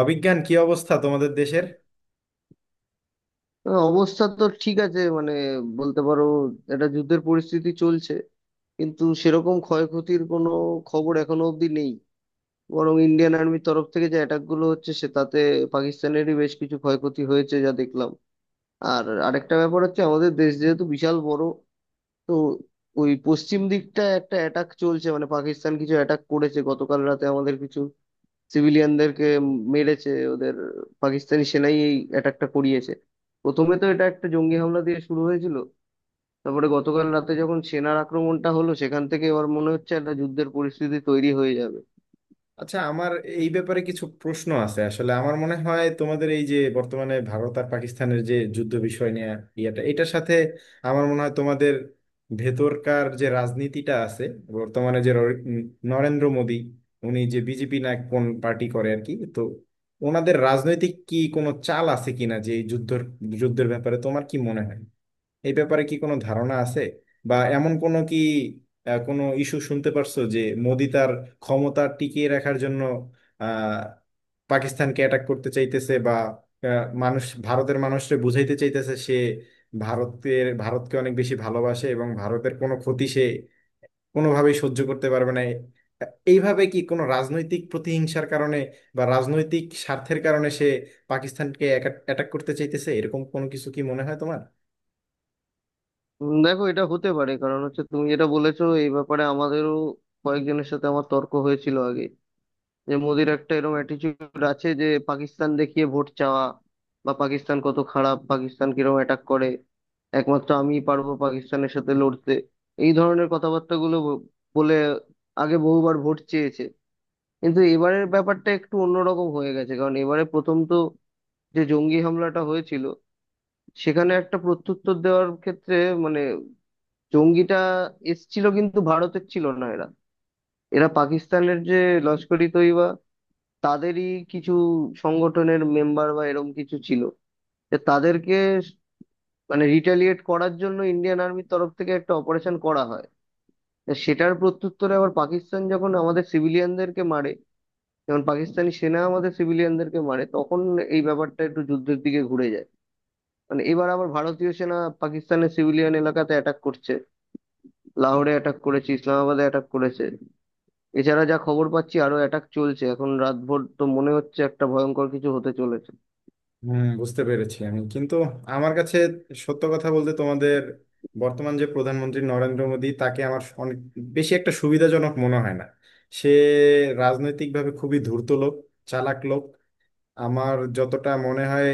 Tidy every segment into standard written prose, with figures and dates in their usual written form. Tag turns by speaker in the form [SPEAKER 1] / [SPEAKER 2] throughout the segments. [SPEAKER 1] অবিজ্ঞান কি অবস্থা তোমাদের দেশের?
[SPEAKER 2] হ্যাঁ, অবস্থা তো ঠিক আছে, মানে বলতে পারো একটা যুদ্ধের পরিস্থিতি চলছে, কিন্তু সেরকম ক্ষয়ক্ষতির কোনো খবর এখনো অবধি নেই। বরং ইন্ডিয়ান আর্মির তরফ থেকে যে অ্যাটাক গুলো হচ্ছে সে তাতে পাকিস্তানেরই বেশ কিছু ক্ষয়ক্ষতি হয়েছে যা দেখলাম। আর আরেকটা ব্যাপার হচ্ছে, আমাদের দেশ যেহেতু বিশাল বড়, তো ওই পশ্চিম দিকটা একটা অ্যাটাক চলছে, মানে পাকিস্তান কিছু অ্যাটাক করেছে গতকাল রাতে, আমাদের কিছু সিভিলিয়ানদেরকে মেরেছে। ওদের পাকিস্তানি সেনাই এই অ্যাটাকটা করিয়েছে। প্রথমে তো এটা একটা জঙ্গি হামলা দিয়ে শুরু হয়েছিল, তারপরে গতকাল রাতে যখন সেনার আক্রমণটা হলো, সেখান থেকে এবার মনে হচ্ছে একটা যুদ্ধের পরিস্থিতি তৈরি হয়ে যাবে।
[SPEAKER 1] আচ্ছা, আমার এই ব্যাপারে কিছু প্রশ্ন আছে। আসলে আমার মনে হয় তোমাদের এই যে বর্তমানে ভারত আর পাকিস্তানের যে যুদ্ধ বিষয় নিয়ে, ইয়েটা এটার সাথে আমার মনে হয় তোমাদের ভেতরকার যে রাজনীতিটা আছে বর্তমানে, যে নরেন্দ্র মোদী, উনি যে বিজেপি না কোন পার্টি করে আর কি, তো ওনাদের রাজনৈতিক কি কোনো চাল আছে কিনা যে এই যুদ্ধের ব্যাপারে তোমার কি মনে হয়? এই ব্যাপারে কি কোনো ধারণা আছে? বা এমন কোনো কি কোনো ইস্যু শুনতে পারছো যে মোদি তার ক্ষমতা টিকিয়ে রাখার জন্য আহ, পাকিস্তানকে অ্যাটাক করতে চাইতেছে? বা মানুষ, ভারতের মানুষকে বুঝাইতে চাইতেছে সে ভারতকে অনেক বেশি ভালোবাসে এবং ভারতের কোনো ক্ষতি সে কোনোভাবেই সহ্য করতে পারবে না। এইভাবে কি কোনো রাজনৈতিক প্রতিহিংসার কারণে বা রাজনৈতিক স্বার্থের কারণে সে পাকিস্তানকে অ্যাটাক করতে চাইতেছে, এরকম কোনো কিছু কি মনে হয় তোমার?
[SPEAKER 2] দেখো, এটা হতে পারে। কারণ হচ্ছে, তুমি যেটা বলেছো এই ব্যাপারে আমাদেরও কয়েকজনের সাথে আমার তর্ক হয়েছিল আগে, যে মোদির একটা এরকম অ্যাটিচিউড আছে যে পাকিস্তান দেখিয়ে ভোট চাওয়া, বা পাকিস্তান কত খারাপ, পাকিস্তান কিরকম অ্যাটাক করে, একমাত্র আমিই পারবো পাকিস্তানের সাথে লড়তে, এই ধরনের কথাবার্তাগুলো বলে আগে বহুবার ভোট চেয়েছে। কিন্তু এবারের ব্যাপারটা একটু অন্যরকম হয়ে গেছে, কারণ এবারে প্রথম তো যে জঙ্গি হামলাটা হয়েছিল, সেখানে একটা প্রত্যুত্তর দেওয়ার ক্ষেত্রে, মানে জঙ্গিটা এসছিল কিন্তু ভারতের ছিল না, এরা এরা পাকিস্তানের যে লস্কর ই তৈবা, তাদেরই কিছু সংগঠনের মেম্বার বা এরম কিছু ছিল। যে তাদেরকে, মানে রিটালিয়েট করার জন্য ইন্ডিয়ান আর্মির তরফ থেকে একটা অপারেশন করা হয়। তা সেটার প্রত্যুত্তরে আবার পাকিস্তান যখন আমাদের সিভিলিয়ানদেরকে মারে, যখন পাকিস্তানি সেনা আমাদের সিভিলিয়ানদেরকে মারে, তখন এই ব্যাপারটা একটু যুদ্ধের দিকে ঘুরে যায়। মানে এবার আবার ভারতীয় সেনা পাকিস্তানের সিভিলিয়ান এলাকাতে অ্যাটাক করছে, লাহোরে অ্যাটাক করেছে, ইসলামাবাদে অ্যাটাক করেছে। এছাড়া যা খবর পাচ্ছি আরো অ্যাটাক চলছে এখন, রাতভর তো মনে হচ্ছে একটা ভয়ঙ্কর কিছু হতে চলেছে।
[SPEAKER 1] হম, বুঝতে পেরেছি আমি। কিন্তু আমার কাছে, সত্য কথা বলতে, তোমাদের বর্তমান যে প্রধানমন্ত্রী নরেন্দ্র মোদী, তাকে আমার অনেক বেশি একটা সুবিধাজনক মনে হয় না। সে রাজনৈতিকভাবে খুবই ধূর্ত লোক, চালাক লোক, আমার যতটা মনে হয়।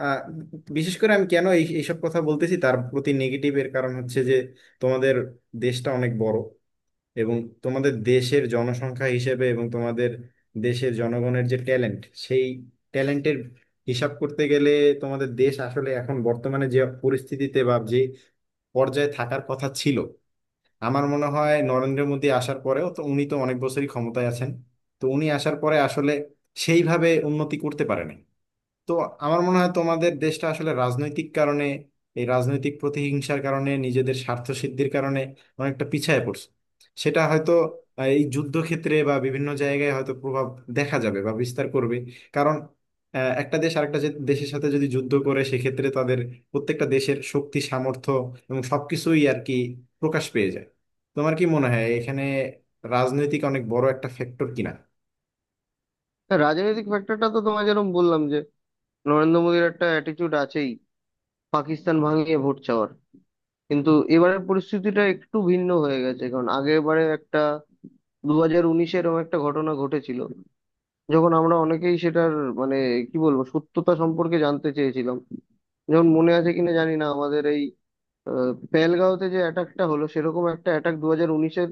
[SPEAKER 1] আহ, বিশেষ করে আমি কেন এইসব কথা বলতেছি, তার প্রতি নেগেটিভ এর কারণ হচ্ছে যে তোমাদের দেশটা অনেক বড় এবং তোমাদের দেশের জনসংখ্যা হিসেবে এবং তোমাদের দেশের জনগণের যে ট্যালেন্ট, সেই ট্যালেন্টের হিসাব করতে গেলে তোমাদের দেশ আসলে এখন বর্তমানে যে পরিস্থিতিতে বা যে পর্যায়ে থাকার কথা ছিল, আমার মনে হয় নরেন্দ্র মোদী আসার পরেও, তো উনি তো অনেক বছরই ক্ষমতায় আছেন, তো উনি আসার পরে আসলে সেইভাবে উন্নতি করতে পারেনি। তো আমার মনে হয় তোমাদের দেশটা আসলে রাজনৈতিক কারণে, এই রাজনৈতিক প্রতিহিংসার কারণে, নিজেদের স্বার্থ সিদ্ধির কারণে অনেকটা পিছায় পড়ছে। সেটা হয়তো এই যুদ্ধক্ষেত্রে বা বিভিন্ন জায়গায় হয়তো প্রভাব দেখা যাবে বা বিস্তার করবে। কারণ একটা দেশ আরেকটা দেশের সাথে যদি যুদ্ধ করে, সেক্ষেত্রে তাদের প্রত্যেকটা দেশের শক্তি সামর্থ্য এবং সবকিছুই আর কি প্রকাশ পেয়ে যায়। তোমার কি মনে হয় এখানে রাজনৈতিক অনেক বড় একটা ফ্যাক্টর কিনা?
[SPEAKER 2] হ্যাঁ, রাজনৈতিক ফ্যাক্টরটা তো তোমায় যেরকম বললাম, যে নরেন্দ্র মোদীর একটা অ্যাটিটিউড আছেই পাকিস্তান ভাঙিয়ে ভোট চাওয়ার। কিন্তু এবারের পরিস্থিতিটা একটু ভিন্ন হয়ে গেছে, কারণ আগেরবারে একটা, 2019-এ এরকম একটা ঘটনা ঘটেছিল, যখন আমরা অনেকেই সেটার, মানে কি বলবো, সত্যতা সম্পর্কে জানতে চেয়েছিলাম। যেমন মনে আছে কিনা জানি না আমাদের এই পেহেলগাঁওতে যে অ্যাটাকটা হলো, সেরকম একটা অ্যাটাক 2019-এর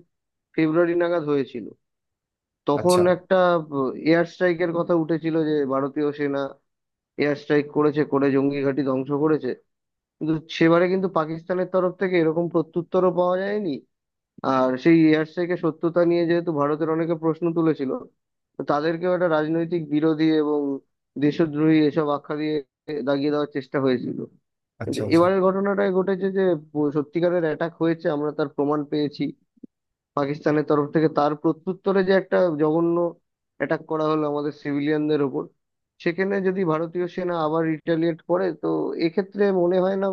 [SPEAKER 2] ফেব্রুয়ারি নাগাদ হয়েছিল। তখন
[SPEAKER 1] আচ্ছা,
[SPEAKER 2] একটা এয়ার স্ট্রাইকের কথা উঠেছিল যে ভারতীয় সেনা এয়ার স্ট্রাইক করেছে, করে জঙ্গি ঘাঁটি ধ্বংস করেছে, কিন্তু সেবারে কিন্তু পাকিস্তানের তরফ থেকে এরকম প্রত্যুত্তরও পাওয়া যায়নি। আর সেই এয়ার স্ট্রাইকের সত্যতা নিয়ে যেহেতু ভারতের অনেকে প্রশ্ন তুলেছিল, তো তাদেরকেও একটা রাজনৈতিক বিরোধী এবং দেশদ্রোহী এসব আখ্যা দিয়ে দাগিয়ে দেওয়ার চেষ্টা হয়েছিল। কিন্তু
[SPEAKER 1] আচ্ছা। আচ্ছা,
[SPEAKER 2] এবারের ঘটনাটাই ঘটেছে যে সত্যিকারের অ্যাটাক হয়েছে, আমরা তার প্রমাণ পেয়েছি। পাকিস্তানের তরফ থেকে তার প্রত্যুত্তরে যে একটা জঘন্য অ্যাটাক করা হলো আমাদের সিভিলিয়ানদের ওপর, সেখানে যদি ভারতীয় সেনা আবার রিটালিয়েট করে তো এক্ষেত্রে মনে হয় না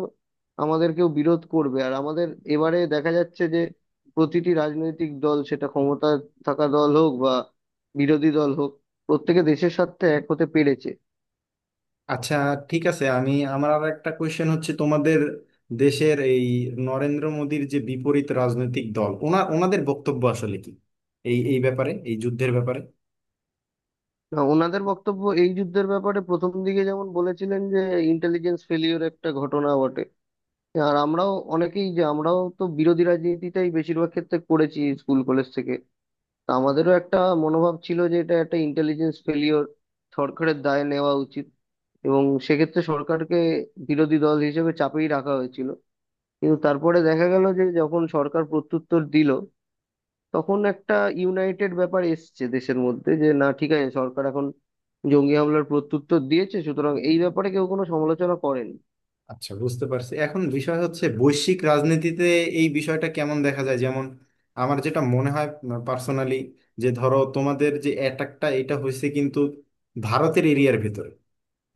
[SPEAKER 2] আমাদের কেউ বিরোধ করবে। আর আমাদের এবারে দেখা যাচ্ছে যে প্রতিটি রাজনৈতিক দল, সেটা ক্ষমতা থাকা দল হোক বা বিরোধী দল হোক, প্রত্যেকে দেশের স্বার্থে এক হতে পেরেছে।
[SPEAKER 1] আচ্ছা। ঠিক আছে, আমি, আমার আর একটা কোয়েশ্চেন হচ্ছে, তোমাদের দেশের এই নরেন্দ্র মোদীর যে বিপরীত রাজনৈতিক দল, ওনাদের বক্তব্য আসলে কি এই এই ব্যাপারে এই যুদ্ধের ব্যাপারে?
[SPEAKER 2] না, ওনাদের বক্তব্য এই যুদ্ধের ব্যাপারে প্রথম দিকে যেমন বলেছিলেন যে ইন্টেলিজেন্স ফেলিওর একটা ঘটনা বটে। আর আমরাও অনেকেই, যে আমরাও তো বিরোধী রাজনীতিটাই বেশিরভাগ ক্ষেত্রে করেছি স্কুল কলেজ থেকে, তা আমাদেরও একটা মনোভাব ছিল যে এটা একটা ইন্টেলিজেন্স ফেলিওর, সরকারের দায় নেওয়া উচিত, এবং সেক্ষেত্রে সরকারকে বিরোধী দল হিসেবে চাপেই রাখা হয়েছিল। কিন্তু তারপরে দেখা গেল যে যখন সরকার প্রত্যুত্তর দিল, তখন একটা ইউনাইটেড ব্যাপার এসছে দেশের মধ্যে, যে না ঠিক আছে সরকার এখন জঙ্গি হামলার প্রত্যুত্তর দিয়েছে, সুতরাং এই ব্যাপারে কেউ কোনো সমালোচনা করেন।
[SPEAKER 1] আচ্ছা, বুঝতে পারছি। এখন বিষয় হচ্ছে বৈশ্বিক রাজনীতিতে এই বিষয়টা কেমন দেখা যায়। যেমন আমার যেটা মনে হয় পার্সোনালি, যে ধরো তোমাদের যে অ্যাটাকটা, এটা হয়েছে কিন্তু ভারতের এরিয়ার ভিতরে।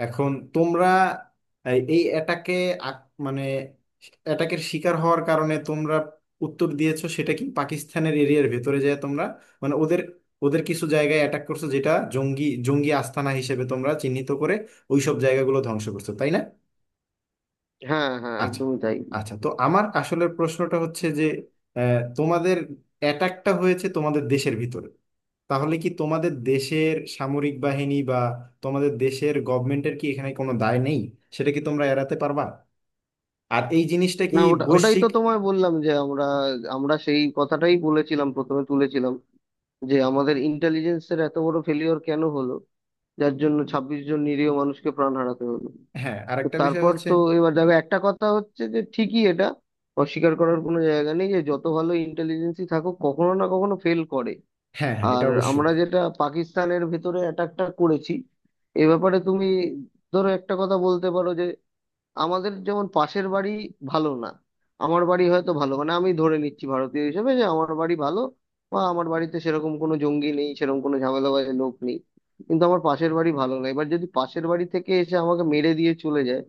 [SPEAKER 1] এখন তোমরা এই এই এটাকে, আক- মানে এটাকের শিকার হওয়ার কারণে তোমরা উত্তর দিয়েছো, সেটা কি পাকিস্তানের এরিয়ার ভেতরে যায় তোমরা, মানে ওদের, ওদের কিছু জায়গায় অ্যাটাক করছো যেটা জঙ্গি জঙ্গি আস্তানা হিসেবে তোমরা চিহ্নিত করে ওইসব জায়গাগুলো ধ্বংস করছো, তাই না?
[SPEAKER 2] হ্যাঁ হ্যাঁ,
[SPEAKER 1] আচ্ছা,
[SPEAKER 2] একদমই তাই।
[SPEAKER 1] আচ্ছা। তো আমার আসলের প্রশ্নটা হচ্ছে যে তোমাদের অ্যাটাকটা হয়েছে তোমাদের দেশের ভিতরে, তাহলে কি তোমাদের দেশের সামরিক বাহিনী বা তোমাদের দেশের গভর্নমেন্টের কি এখানে কোনো দায় নেই? সেটা কি তোমরা এড়াতে পারবা? আর এই জিনিসটা
[SPEAKER 2] না,
[SPEAKER 1] কি
[SPEAKER 2] ওটা ওটাই
[SPEAKER 1] বৈশ্বিক?
[SPEAKER 2] তো তোমায় বললাম যে আমরা, আমরা সেই কথাটাই বলেছিলাম, প্রথমে তুলেছিলাম যে আমাদের ইন্টেলিজেন্সের এত বড় ফেলিওর কেন হলো, যার জন্য 26 জন নিরীহ মানুষকে প্রাণ হারাতে হলো।
[SPEAKER 1] হ্যাঁ,
[SPEAKER 2] তো
[SPEAKER 1] আরেকটা বিষয়
[SPEAKER 2] তারপর
[SPEAKER 1] হচ্ছে।
[SPEAKER 2] তো এবার দেখো, একটা কথা হচ্ছে যে ঠিকই, এটা অস্বীকার করার কোনো জায়গা নেই যে যত ভালো ইন্টেলিজেন্সই থাকুক কখনো না কখনো ফেল করে।
[SPEAKER 1] হ্যাঁ হ্যাঁ, এটা
[SPEAKER 2] আর
[SPEAKER 1] অবশ্যই।
[SPEAKER 2] আমরা যেটা পাকিস্তানের ভেতরে অ্যাটাকটা করেছি, এ ব্যাপারে তুমি ধরো একটা কথা বলতে পারো, আমাদের যেমন পাশের বাড়ি ভালো না, আমার বাড়ি হয়তো ভালো, মানে আমি ধরে নিচ্ছি ভারতীয় হিসেবে যে আমার বাড়ি ভালো বা আমার বাড়িতে সেরকম কোনো জঙ্গি নেই, সেরকম কোনো ঝামেলাবাজ লোক নেই, কিন্তু আমার পাশের বাড়ি ভালো না। এবার যদি পাশের বাড়ি থেকে এসে আমাকে মেরে দিয়ে চলে যায়,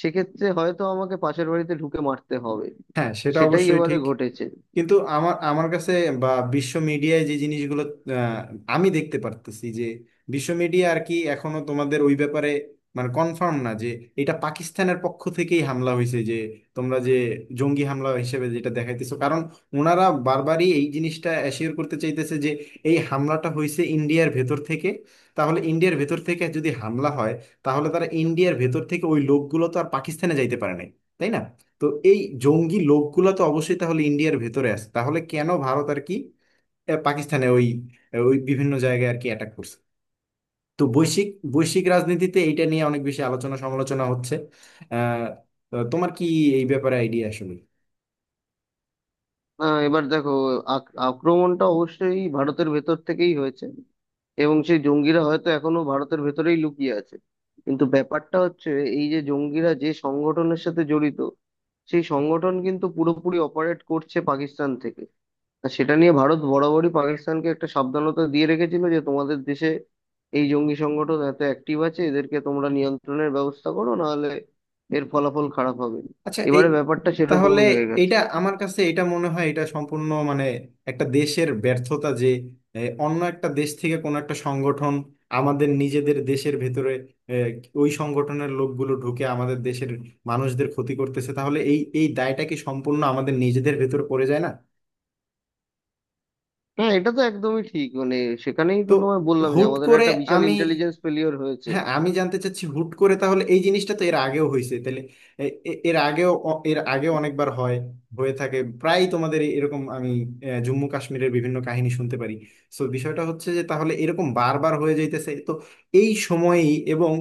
[SPEAKER 2] সেক্ষেত্রে হয়তো আমাকে পাশের বাড়িতে ঢুকে মারতে হবে।
[SPEAKER 1] হ্যাঁ, সেটা
[SPEAKER 2] সেটাই
[SPEAKER 1] অবশ্যই
[SPEAKER 2] এবারে
[SPEAKER 1] ঠিক।
[SPEAKER 2] ঘটেছে।
[SPEAKER 1] কিন্তু আমার আমার কাছে বা বিশ্ব মিডিয়ায় যে জিনিসগুলো আহ, আমি দেখতে পারতেছি, যে বিশ্ব মিডিয়া আর কি এখনো তোমাদের ওই ব্যাপারে, মানে কনফার্ম না, যে এটা পাকিস্তানের পক্ষ থেকেই হামলা হয়েছে, যে তোমরা যে জঙ্গি হামলা হিসেবে যেটা দেখাইতেছো। কারণ ওনারা বারবারই এই জিনিসটা অ্যাসিওর করতে চাইতেছে যে এই হামলাটা হয়েছে ইন্ডিয়ার ভেতর থেকে। তাহলে ইন্ডিয়ার ভেতর থেকে যদি হামলা হয়, তাহলে তারা ইন্ডিয়ার ভেতর থেকে, ওই লোকগুলো তো আর পাকিস্তানে যাইতে পারে নাই, তাই না? তো এই জঙ্গি লোকগুলা তো অবশ্যই তাহলে ইন্ডিয়ার ভেতরে আছে, তাহলে কেন ভারত আর কি পাকিস্তানে ওই ওই বিভিন্ন জায়গায় আর কি অ্যাটাক করছে? তো বৈশ্বিক বৈশ্বিক রাজনীতিতে এইটা নিয়ে অনেক বেশি আলোচনা সমালোচনা হচ্ছে। আহ তো তোমার কি এই ব্যাপারে আইডিয়া আসলে?
[SPEAKER 2] না এবার দেখো, আক্রমণটা অবশ্যই ভারতের ভেতর থেকেই হয়েছে, এবং সেই জঙ্গিরা হয়তো এখনো ভারতের ভেতরেই লুকিয়ে আছে। কিন্তু ব্যাপারটা হচ্ছে, এই যে জঙ্গিরা যে সংগঠনের সাথে জড়িত, সেই সংগঠন কিন্তু পুরোপুরি অপারেট করছে পাকিস্তান থেকে। আর সেটা নিয়ে ভারত বরাবরই পাকিস্তানকে একটা সাবধানতা দিয়ে রেখেছিল যে তোমাদের দেশে এই জঙ্গি সংগঠন এত অ্যাক্টিভ আছে, এদেরকে তোমরা নিয়ন্ত্রণের ব্যবস্থা করো, নাহলে এর ফলাফল খারাপ হবে।
[SPEAKER 1] আচ্ছা, এই
[SPEAKER 2] এবারে ব্যাপারটা
[SPEAKER 1] তাহলে,
[SPEAKER 2] সেরকমই হয়ে গেছে।
[SPEAKER 1] এটা আমার কাছে এটা মনে হয় এটা সম্পূর্ণ মানে একটা দেশের ব্যর্থতা, যে এ, অন্য একটা দেশ থেকে কোনো একটা সংগঠন আমাদের নিজেদের দেশের ভেতরে, এ, ওই সংগঠনের লোকগুলো ঢুকে আমাদের দেশের মানুষদের ক্ষতি করতেছে, তাহলে এই এই দায়টা কি সম্পূর্ণ আমাদের নিজেদের ভেতর পড়ে যায় না?
[SPEAKER 2] না এটা তো একদমই ঠিক, মানে সেখানেই তো
[SPEAKER 1] তো
[SPEAKER 2] তোমায় বললাম যে
[SPEAKER 1] হুট
[SPEAKER 2] আমাদের
[SPEAKER 1] করে,
[SPEAKER 2] একটা বিশাল
[SPEAKER 1] আমি,
[SPEAKER 2] ইন্টেলিজেন্স ফেলিওর হয়েছে।
[SPEAKER 1] হ্যাঁ আমি জানতে চাচ্ছি, হুট করে তাহলে এই জিনিসটা, তো এর আগেও হয়েছে তাহলে। এর আগেও অনেকবার হয়, হয়ে থাকে প্রায় তোমাদের এরকম। আমি জম্মু কাশ্মীরের বিভিন্ন কাহিনী শুনতে পারি। সো বিষয়টা হচ্ছে যে তাহলে এরকম বারবার হয়ে যাইতেছে, তো এই সময়ই এবং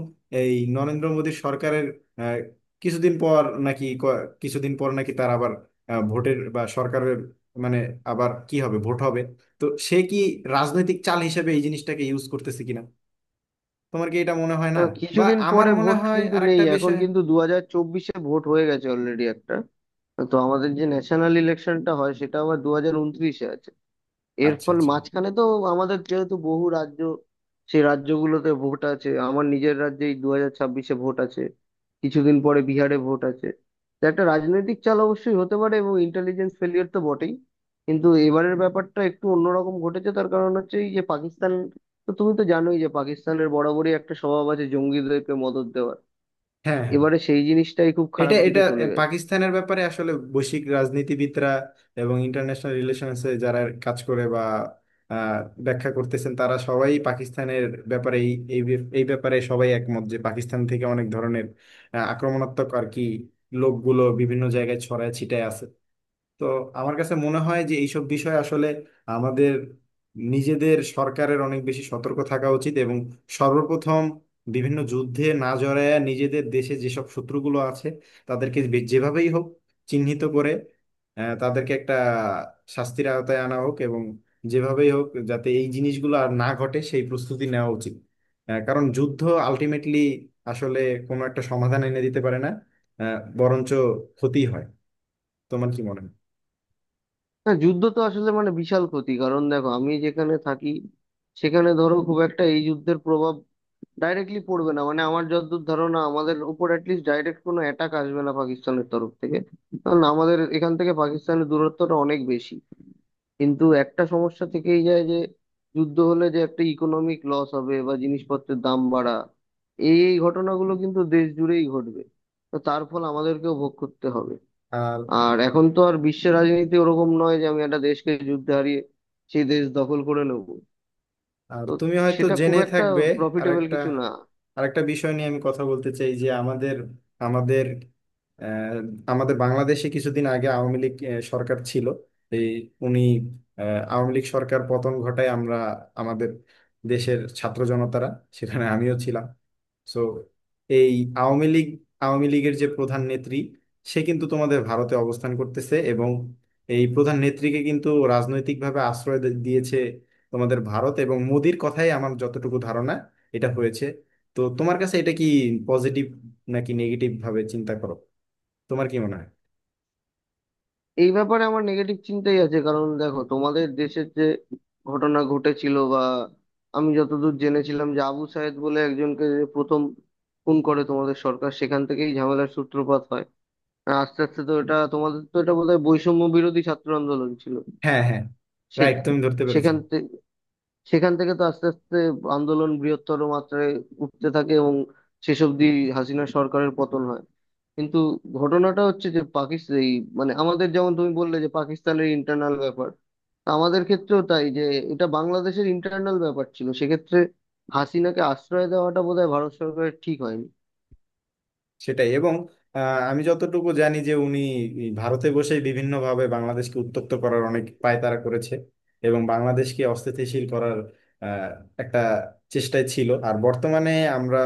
[SPEAKER 1] এই নরেন্দ্র মোদীর সরকারের আহ, কিছুদিন পর নাকি ক- কিছুদিন পর নাকি তার আবার ভোটের বা সরকারের, মানে, আবার কি হবে, ভোট হবে? তো সে কি রাজনৈতিক চাল হিসেবে এই জিনিসটাকে ইউজ করতেছে কিনা, তোমার কি এটা মনে হয় না? বা
[SPEAKER 2] কিছুদিন
[SPEAKER 1] আমার
[SPEAKER 2] পরে
[SPEAKER 1] মনে
[SPEAKER 2] ভোট
[SPEAKER 1] হয়
[SPEAKER 2] কিন্তু নেই
[SPEAKER 1] আরেকটা
[SPEAKER 2] এখন,
[SPEAKER 1] বিষয়।
[SPEAKER 2] কিন্তু 2024-এ ভোট হয়ে গেছে অলরেডি একটা। তো আমাদের যে ন্যাশনাল ইলেকশনটা হয় সেটা আবার 2029-এ আছে। এর
[SPEAKER 1] আচ্ছা,
[SPEAKER 2] ফলে
[SPEAKER 1] আচ্ছা।
[SPEAKER 2] মাঝখানে তো আমাদের যেহেতু বহু রাজ্য, সেই রাজ্যগুলোতে ভোট আছে, আমার নিজের রাজ্যেই 2026-এ ভোট আছে, কিছুদিন পরে বিহারে ভোট আছে। তো একটা রাজনৈতিক চাল অবশ্যই হতে পারে, এবং ইন্টেলিজেন্স ফেলিয়ার তো বটেই। কিন্তু এবারের ব্যাপারটা একটু অন্যরকম ঘটেছে, তার কারণ হচ্ছে এই যে পাকিস্তান, তো তুমি তো জানোই যে পাকিস্তানের বরাবরই একটা স্বভাব আছে জঙ্গিদেরকে মদদ দেওয়ার।
[SPEAKER 1] হ্যাঁ হ্যাঁ,
[SPEAKER 2] এবারে সেই জিনিসটাই খুব
[SPEAKER 1] এটা
[SPEAKER 2] খারাপ
[SPEAKER 1] এটা
[SPEAKER 2] দিকে চলে গেছে।
[SPEAKER 1] পাকিস্তানের ব্যাপারে আসলে বৈশ্বিক রাজনীতিবিদরা এবং ইন্টারন্যাশনাল রিলেশনসে যারা কাজ করে বা আহ, ব্যাখ্যা করতেছেন, তারা সবাই পাকিস্তানের ব্যাপারে এই এই ব্যাপ- এই ব্যাপারে সবাই একমত যে পাকিস্তান থেকে অনেক ধরনের আক্রমণাত্মক আর কি লোকগুলো বিভিন্ন জায়গায় ছড়ায় ছিটায় আছে। তো আমার কাছে মনে হয় যে এইসব বিষয়ে আসলে আমাদের নিজেদের সরকারের অনেক বেশি সতর্ক থাকা উচিত এবং সর্বপ্রথম বিভিন্ন যুদ্ধে না জড়ায় নিজেদের দেশে যেসব শত্রুগুলো আছে তাদেরকে যেভাবেই হোক চিহ্নিত করে তাদেরকে একটা শাস্তির আওতায় আনা হোক এবং যেভাবেই হোক যাতে এই জিনিসগুলো আর না ঘটে সেই প্রস্তুতি নেওয়া উচিত। কারণ যুদ্ধ আলটিমেটলি আসলে কোনো একটা সমাধান এনে দিতে পারে না, বরঞ্চ ক্ষতি হয়। তোমার কি মনে হয়?
[SPEAKER 2] না যুদ্ধ তো আসলে মানে বিশাল ক্ষতি, কারণ দেখো আমি যেখানে থাকি সেখানে ধরো খুব একটা এই যুদ্ধের প্রভাব ডাইরেক্টলি পড়বে না, মানে আমার যতদূর ধারণা আমাদের উপর অ্যাটলিস্ট ডাইরেক্ট কোনো অ্যাটাক আসবে না পাকিস্তানের তরফ থেকে, কারণ আমাদের এখান থেকে পাকিস্তানের দূরত্বটা অনেক বেশি। কিন্তু একটা সমস্যা থেকেই যায় যে যুদ্ধ হলে যে একটা ইকোনমিক লস হবে বা জিনিসপত্রের দাম বাড়া, এই এই ঘটনাগুলো কিন্তু দেশ জুড়েই ঘটবে, তো তার ফল আমাদেরকেও ভোগ করতে হবে।
[SPEAKER 1] আর
[SPEAKER 2] আর এখন তো আর বিশ্বের রাজনীতি ওরকম নয় যে আমি একটা দেশকে যুদ্ধে হারিয়ে সেই দেশ দখল করে নেব,
[SPEAKER 1] আর
[SPEAKER 2] তো
[SPEAKER 1] তুমি হয়তো
[SPEAKER 2] সেটা খুব
[SPEAKER 1] জেনে
[SPEAKER 2] একটা
[SPEAKER 1] থাকবে, আর
[SPEAKER 2] প্রফিটেবল
[SPEAKER 1] একটা,
[SPEAKER 2] কিছু না।
[SPEAKER 1] আর একটা বিষয় নিয়ে আমি কথা বলতে চাই, যে আমাদের আমাদের আহ, আমাদের বাংলাদেশে কিছুদিন আগে আওয়ামী লীগ সরকার ছিল। এই উনি, আওয়ামী লীগ সরকার পতন ঘটায় আমরা, আমাদের দেশের ছাত্র জনতারা, সেখানে আমিও ছিলাম। সো এই আওয়ামী লীগ, আওয়ামী লীগের যে প্রধান নেত্রী, সে কিন্তু তোমাদের ভারতে অবস্থান করতেছে এবং এই প্রধান নেত্রীকে কিন্তু রাজনৈতিকভাবে আশ্রয় দিয়েছে তোমাদের ভারত এবং মোদির কথাই, আমার যতটুকু ধারণা এটা হয়েছে। তো তোমার কাছে এটা কি পজিটিভ নাকি নেগেটিভ ভাবে চিন্তা করো, তোমার কি মনে হয়?
[SPEAKER 2] এই ব্যাপারে আমার নেগেটিভ চিন্তাই আছে, কারণ দেখো তোমাদের দেশের যে ঘটনা ঘটেছিল, বা আমি যতদূর জেনেছিলাম যে আবু সায়েদ বলে একজনকে যে প্রথম খুন করে তোমাদের সরকার, সেখান থেকেই ঝামেলার সূত্রপাত হয়। আর আস্তে আস্তে তো এটা তোমাদের, তো এটা বোধহয় বৈষম্য বিরোধী ছাত্র আন্দোলন ছিল।
[SPEAKER 1] হ্যাঁ হ্যাঁ,
[SPEAKER 2] সে-
[SPEAKER 1] রাইট, তুমি ধরতে পেরেছো।
[SPEAKER 2] সেখান থেকে সেখান থেকে তো আস্তে আস্তে আন্দোলন বৃহত্তর মাত্রায় উঠতে থাকে এবং শেষ অবধি হাসিনা সরকারের পতন হয়। কিন্তু ঘটনাটা হচ্ছে যে পাকিস্তান এই, মানে আমাদের যেমন তুমি বললে যে পাকিস্তানের ইন্টারনাল ব্যাপার, তা আমাদের ক্ষেত্রেও তাই যে এটা বাংলাদেশের ইন্টারনাল ব্যাপার ছিল, সেক্ষেত্রে হাসিনাকে আশ্রয় দেওয়াটা বোধহয় ভারত সরকারের ঠিক হয়নি।
[SPEAKER 1] সেটাই, এবং আহ, আমি যতটুকু জানি যে উনি এই ভারতে বসেই বিভিন্নভাবে বাংলাদেশকে উত্তপ্ত করার অনেক পায়তারা করেছে এবং বাংলাদেশকে অস্থিতিশীল করার আহ, একটা চেষ্টায় ছিল। আর বর্তমানে আমরা,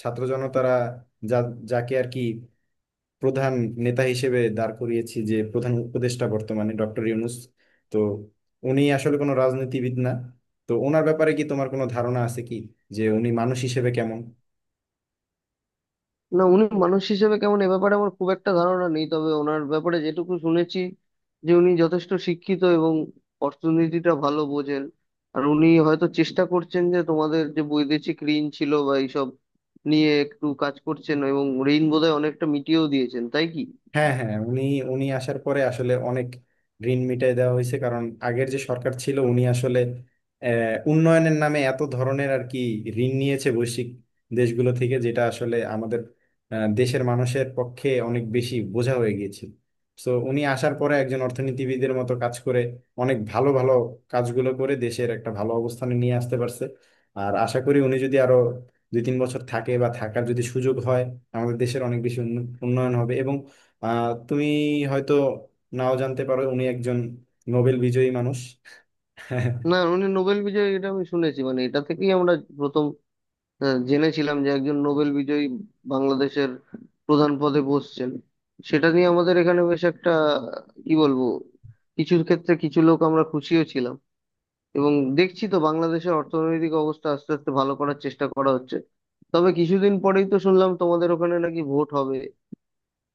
[SPEAKER 1] ছাত্র জনতারা, যা, যাকে আর কি প্রধান নেতা হিসেবে দাঁড় করিয়েছি, যে প্রধান উপদেষ্টা বর্তমানে ডক্টর ইউনূস, তো উনি আসলে কোনো রাজনীতিবিদ না। তো ওনার ব্যাপারে কি তোমার কোনো ধারণা আছে কি, যে উনি মানুষ হিসেবে কেমন?
[SPEAKER 2] না উনি মানুষ হিসেবে কেমন এ ব্যাপারে আমার খুব একটা ধারণা নেই, তবে ওনার ব্যাপারে যেটুকু শুনেছি যে উনি যথেষ্ট শিক্ষিত এবং অর্থনীতিটা ভালো বোঝেন। আর উনি হয়তো চেষ্টা করছেন যে তোমাদের যে বৈদেশিক ঋণ ছিল বা এইসব নিয়ে একটু কাজ করছেন, এবং ঋণ বোধহয় অনেকটা মিটিয়েও দিয়েছেন তাই কি?
[SPEAKER 1] হ্যাঁ হ্যাঁ, উনি উনি আসার পরে আসলে অনেক ঋণ মিটাই দেওয়া হয়েছে। কারণ আগের যে সরকার ছিল উনি আসলে উন্নয়নের নামে এত ধরনের আর কি ঋণ নিয়েছে বৈশ্বিক দেশগুলো থেকে, যেটা আসলে আমাদের দেশের মানুষের পক্ষে অনেক বেশি বোঝা হয়ে গিয়েছিল। তো উনি আসার পরে একজন অর্থনীতিবিদের মতো কাজ করে অনেক ভালো ভালো কাজগুলো করে দেশের একটা ভালো অবস্থানে নিয়ে আসতে পারছে। আর আশা করি উনি যদি আরো দুই তিন বছর থাকে বা থাকার যদি সুযোগ হয়, আমাদের দেশের অনেক বেশি উন্নয়ন হবে। এবং আহ তুমি হয়তো নাও জানতে পারো, উনি একজন নোবেল বিজয়ী মানুষ।
[SPEAKER 2] না উনি নোবেল বিজয়ী, এটা আমি শুনেছি, মানে এটা থেকেই আমরা জেনেছিলাম যে একজন নোবেল বিজয়ী বাংলাদেশের প্রধান পদে বসছেন। সেটা নিয়ে আমাদের এখানে বেশ একটা, কি বলবো, কিছু ক্ষেত্রে কিছু লোক আমরা খুশিও ছিলাম। এবং দেখছি তো বাংলাদেশের অর্থনৈতিক অবস্থা আস্তে আস্তে ভালো করার চেষ্টা করা হচ্ছে। তবে কিছুদিন পরেই তো শুনলাম তোমাদের ওখানে নাকি ভোট হবে,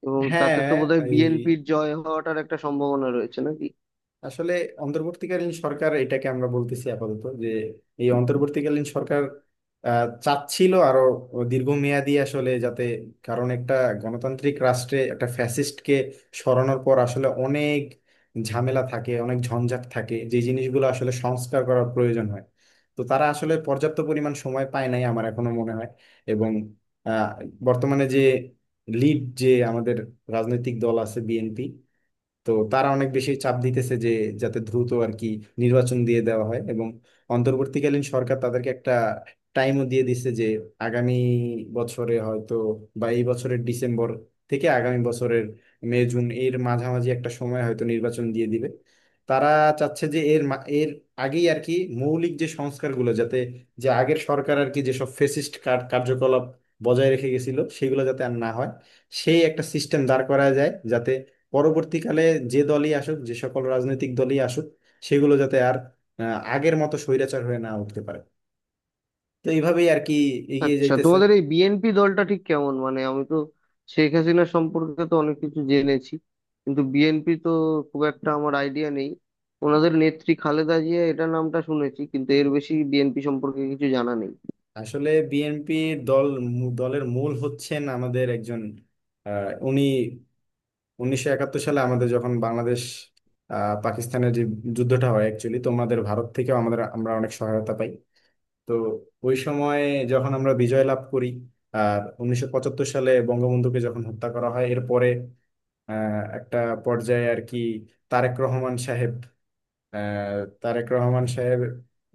[SPEAKER 2] এবং তাতে তো
[SPEAKER 1] হ্যাঁ,
[SPEAKER 2] বোধহয়
[SPEAKER 1] এই
[SPEAKER 2] বিএনপির জয় হওয়াটার একটা সম্ভাবনা রয়েছে নাকি?
[SPEAKER 1] আসলে অন্তর্বর্তীকালীন সরকার, এটাকে আমরা বলতেছি আপাতত যে, এই অন্তর্বর্তীকালীন সরকার চাচ্ছিল আরো দীর্ঘমেয়াদী, আসলে যাতে, কারণ একটা গণতান্ত্রিক রাষ্ট্রে একটা ফ্যাসিস্টকে সরানোর পর আসলে অনেক ঝামেলা থাকে, অনেক ঝঞ্ঝাট থাকে, যে জিনিসগুলো আসলে সংস্কার করার প্রয়োজন হয়। তো তারা আসলে পর্যাপ্ত পরিমাণ সময় পায় নাই, আমার এখনো মনে হয়। এবং আহ, বর্তমানে যে লিড, যে আমাদের রাজনৈতিক দল আছে বিএনপি, তো তারা অনেক বেশি চাপ দিতেছে যে যাতে দ্রুত আর কি নির্বাচন দিয়ে দেওয়া হয়। এবং অন্তর্বর্তীকালীন সরকার তাদেরকে একটা টাইমও দিয়ে দিচ্ছে, যে আগামী বছরে হয়তো বা এই বছরের ডিসেম্বর থেকে আগামী বছরের মে জুন এর মাঝামাঝি একটা সময় হয়তো নির্বাচন দিয়ে দিবে। তারা চাচ্ছে যে এর আগেই আর কি মৌলিক যে সংস্কারগুলো যাতে, যে আগের সরকার আর কি যেসব ফেসিস্ট কার্যকলাপ বজায় রেখে গেছিল সেগুলো যাতে আর না হয়, সেই একটা সিস্টেম দাঁড় করা যায় যাতে পরবর্তীকালে যে দলই আসুক, যে সকল রাজনৈতিক দলই আসুক, সেগুলো যাতে আর আগের মতো স্বৈরাচার হয়ে না উঠতে পারে। তো এইভাবেই আর কি এগিয়ে
[SPEAKER 2] আচ্ছা
[SPEAKER 1] যাইতেছে।
[SPEAKER 2] তোমাদের এই বিএনপি দলটা ঠিক কেমন? মানে আমি তো শেখ হাসিনা সম্পর্কে তো অনেক কিছু জেনেছি, কিন্তু বিএনপি তো খুব একটা আমার আইডিয়া নেই। ওনাদের নেত্রী খালেদা জিয়া, এটা নামটা শুনেছি, কিন্তু এর বেশি বিএনপি সম্পর্কে কিছু জানা নেই।
[SPEAKER 1] আসলে বিএনপি দল, দলের মূল হচ্ছেন আমাদের একজন, উনি 1971 সালে আমাদের যখন বাংলাদেশ পাকিস্তানের যে যুদ্ধটা হয়, অ্যাকচুয়ালি তোমাদের ভারত থেকেও আমাদের, আমরা অনেক সহায়তা পাই। তো ওই সময় যখন আমরা বিজয় লাভ করি, আর 1975 সালে বঙ্গবন্ধুকে যখন হত্যা করা হয়, এরপরে একটা পর্যায়ে আর কি তারেক রহমান সাহেব, আহ, তারেক রহমান সাহেব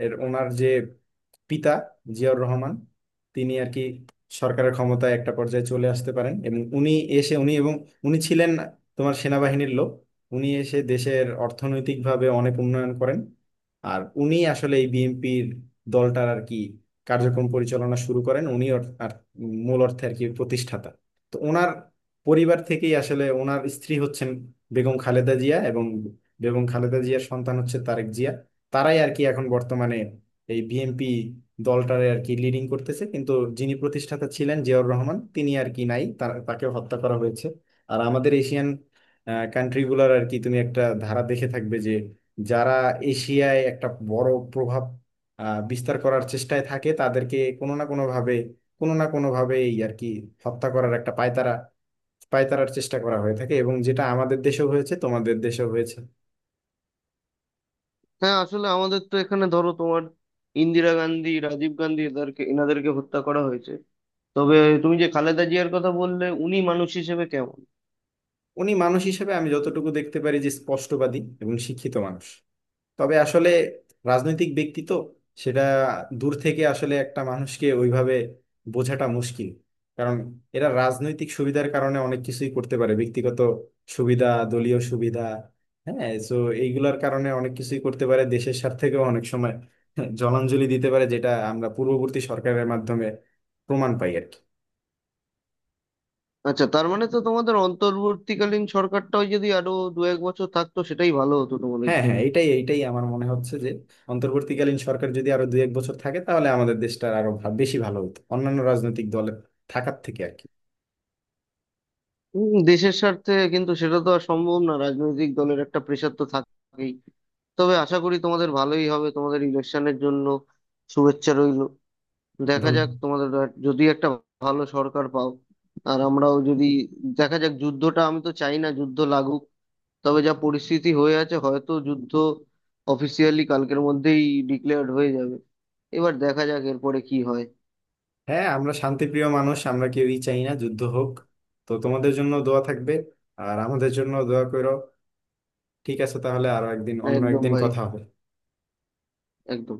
[SPEAKER 1] এর ওনার যে পিতা জিয়াউর রহমান, তিনি আর কি সরকারের ক্ষমতায় একটা পর্যায়ে চলে আসতে পারেন। এবং এসে উনি এবং উনি ছিলেন তোমার সেনাবাহিনীর লোক। উনি এসে দেশের অর্থনৈতিকভাবে অনেক উন্নয়ন করেন। আর উনি আসলে এই বিএনপির দলটার আর কি কার্যক্রম পরিচালনা শুরু করেন। উনি অর- আর মূল অর্থে আর কি প্রতিষ্ঠাতা। তো ওনার পরিবার থেকেই আসলে, ওনার স্ত্রী হচ্ছেন বেগম খালেদা জিয়া এবং বেগম খালেদা জিয়ার সন্তান হচ্ছে তারেক জিয়া। তারাই আর কি এখন বর্তমানে এই বিএনপি দলটারে আর কি লিডিং করতেছে। কিন্তু যিনি প্রতিষ্ঠাতা ছিলেন জিয়াউর রহমান, তিনি আর কি নাই, তাকে হত্যা করা হয়েছে। আর আমাদের এশিয়ান কান্ট্রিগুলোর আর কি তুমি একটা ধারা দেখে থাকবে, যে যারা এশিয়ায় একটা বড় প্রভাব বিস্তার করার চেষ্টায় থাকে তাদেরকে কোনো না কোনোভাবে এই আর কি হত্যা করার একটা পায়তারার চেষ্টা করা হয়ে থাকে। এবং যেটা আমাদের দেশেও হয়েছে, তোমাদের দেশেও হয়েছে।
[SPEAKER 2] হ্যাঁ আসলে আমাদের তো এখানে ধরো তোমার ইন্দিরা গান্ধী, রাজীব গান্ধী, এদেরকে এনাদেরকে হত্যা করা হয়েছে। তবে তুমি যে খালেদা জিয়ার কথা বললে, উনি মানুষ হিসেবে কেমন?
[SPEAKER 1] উনি মানুষ হিসেবে, আমি যতটুকু দেখতে পারি, যে স্পষ্টবাদী এবং শিক্ষিত মানুষ। তবে আসলে রাজনৈতিক ব্যক্তি তো, সেটা দূর থেকে আসলে একটা মানুষকে ওইভাবে বোঝাটা মুশকিল। কারণ এরা রাজনৈতিক সুবিধার কারণে অনেক কিছুই করতে পারে, ব্যক্তিগত সুবিধা, দলীয় সুবিধা, হ্যাঁ, তো এইগুলার কারণে অনেক কিছুই করতে পারে। দেশের স্বার্থেও অনেক সময় জলাঞ্জলি দিতে পারে, যেটা আমরা পূর্ববর্তী সরকারের মাধ্যমে প্রমাণ পাই আর কি।
[SPEAKER 2] আচ্ছা তার মানে তো তোমাদের অন্তর্বর্তীকালীন সরকারটাও যদি আরো দু এক বছর থাকতো সেটাই ভালো হতো তোমাদের
[SPEAKER 1] হ্যাঁ হ্যাঁ,
[SPEAKER 2] জন্য।
[SPEAKER 1] এটাই এটাই আমার মনে হচ্ছে যে অন্তর্বর্তীকালীন সরকার যদি আরো দুই এক বছর থাকে তাহলে আমাদের দেশটার আরো বেশি ভালো হতো অন্যান্য রাজনৈতিক দলের থাকার থেকে আর কি।
[SPEAKER 2] দেশের স্বার্থে, কিন্তু সেটা তো আর সম্ভব না, রাজনৈতিক দলের একটা প্রেশার তো থাকেই। তবে আশা করি তোমাদের ভালোই হবে। তোমাদের ইলেকশনের জন্য শুভেচ্ছা রইল। দেখা যাক
[SPEAKER 1] ধন্য-
[SPEAKER 2] তোমাদের যদি একটা ভালো সরকার পাও। আর আমরাও যদি, দেখা যাক যুদ্ধটা, আমি তো চাই না যুদ্ধ লাগুক, তবে যা পরিস্থিতি হয়ে আছে হয়তো যুদ্ধ অফিসিয়ালি কালকের মধ্যেই ডিক্লেয়ার্ড হয়ে যাবে। এবার দেখা যাক এরপরে কি হয়।
[SPEAKER 1] হ্যাঁ, আমরা শান্তিপ্রিয় মানুষ, আমরা কেউই চাই না যুদ্ধ হোক। তো তোমাদের জন্য দোয়া থাকবে, আর আমাদের জন্য দোয়া করো। ঠিক আছে, তাহলে আরো একদিন, অন্য
[SPEAKER 2] একদম
[SPEAKER 1] একদিন
[SPEAKER 2] ভাই,
[SPEAKER 1] কথা হবে।
[SPEAKER 2] একদম।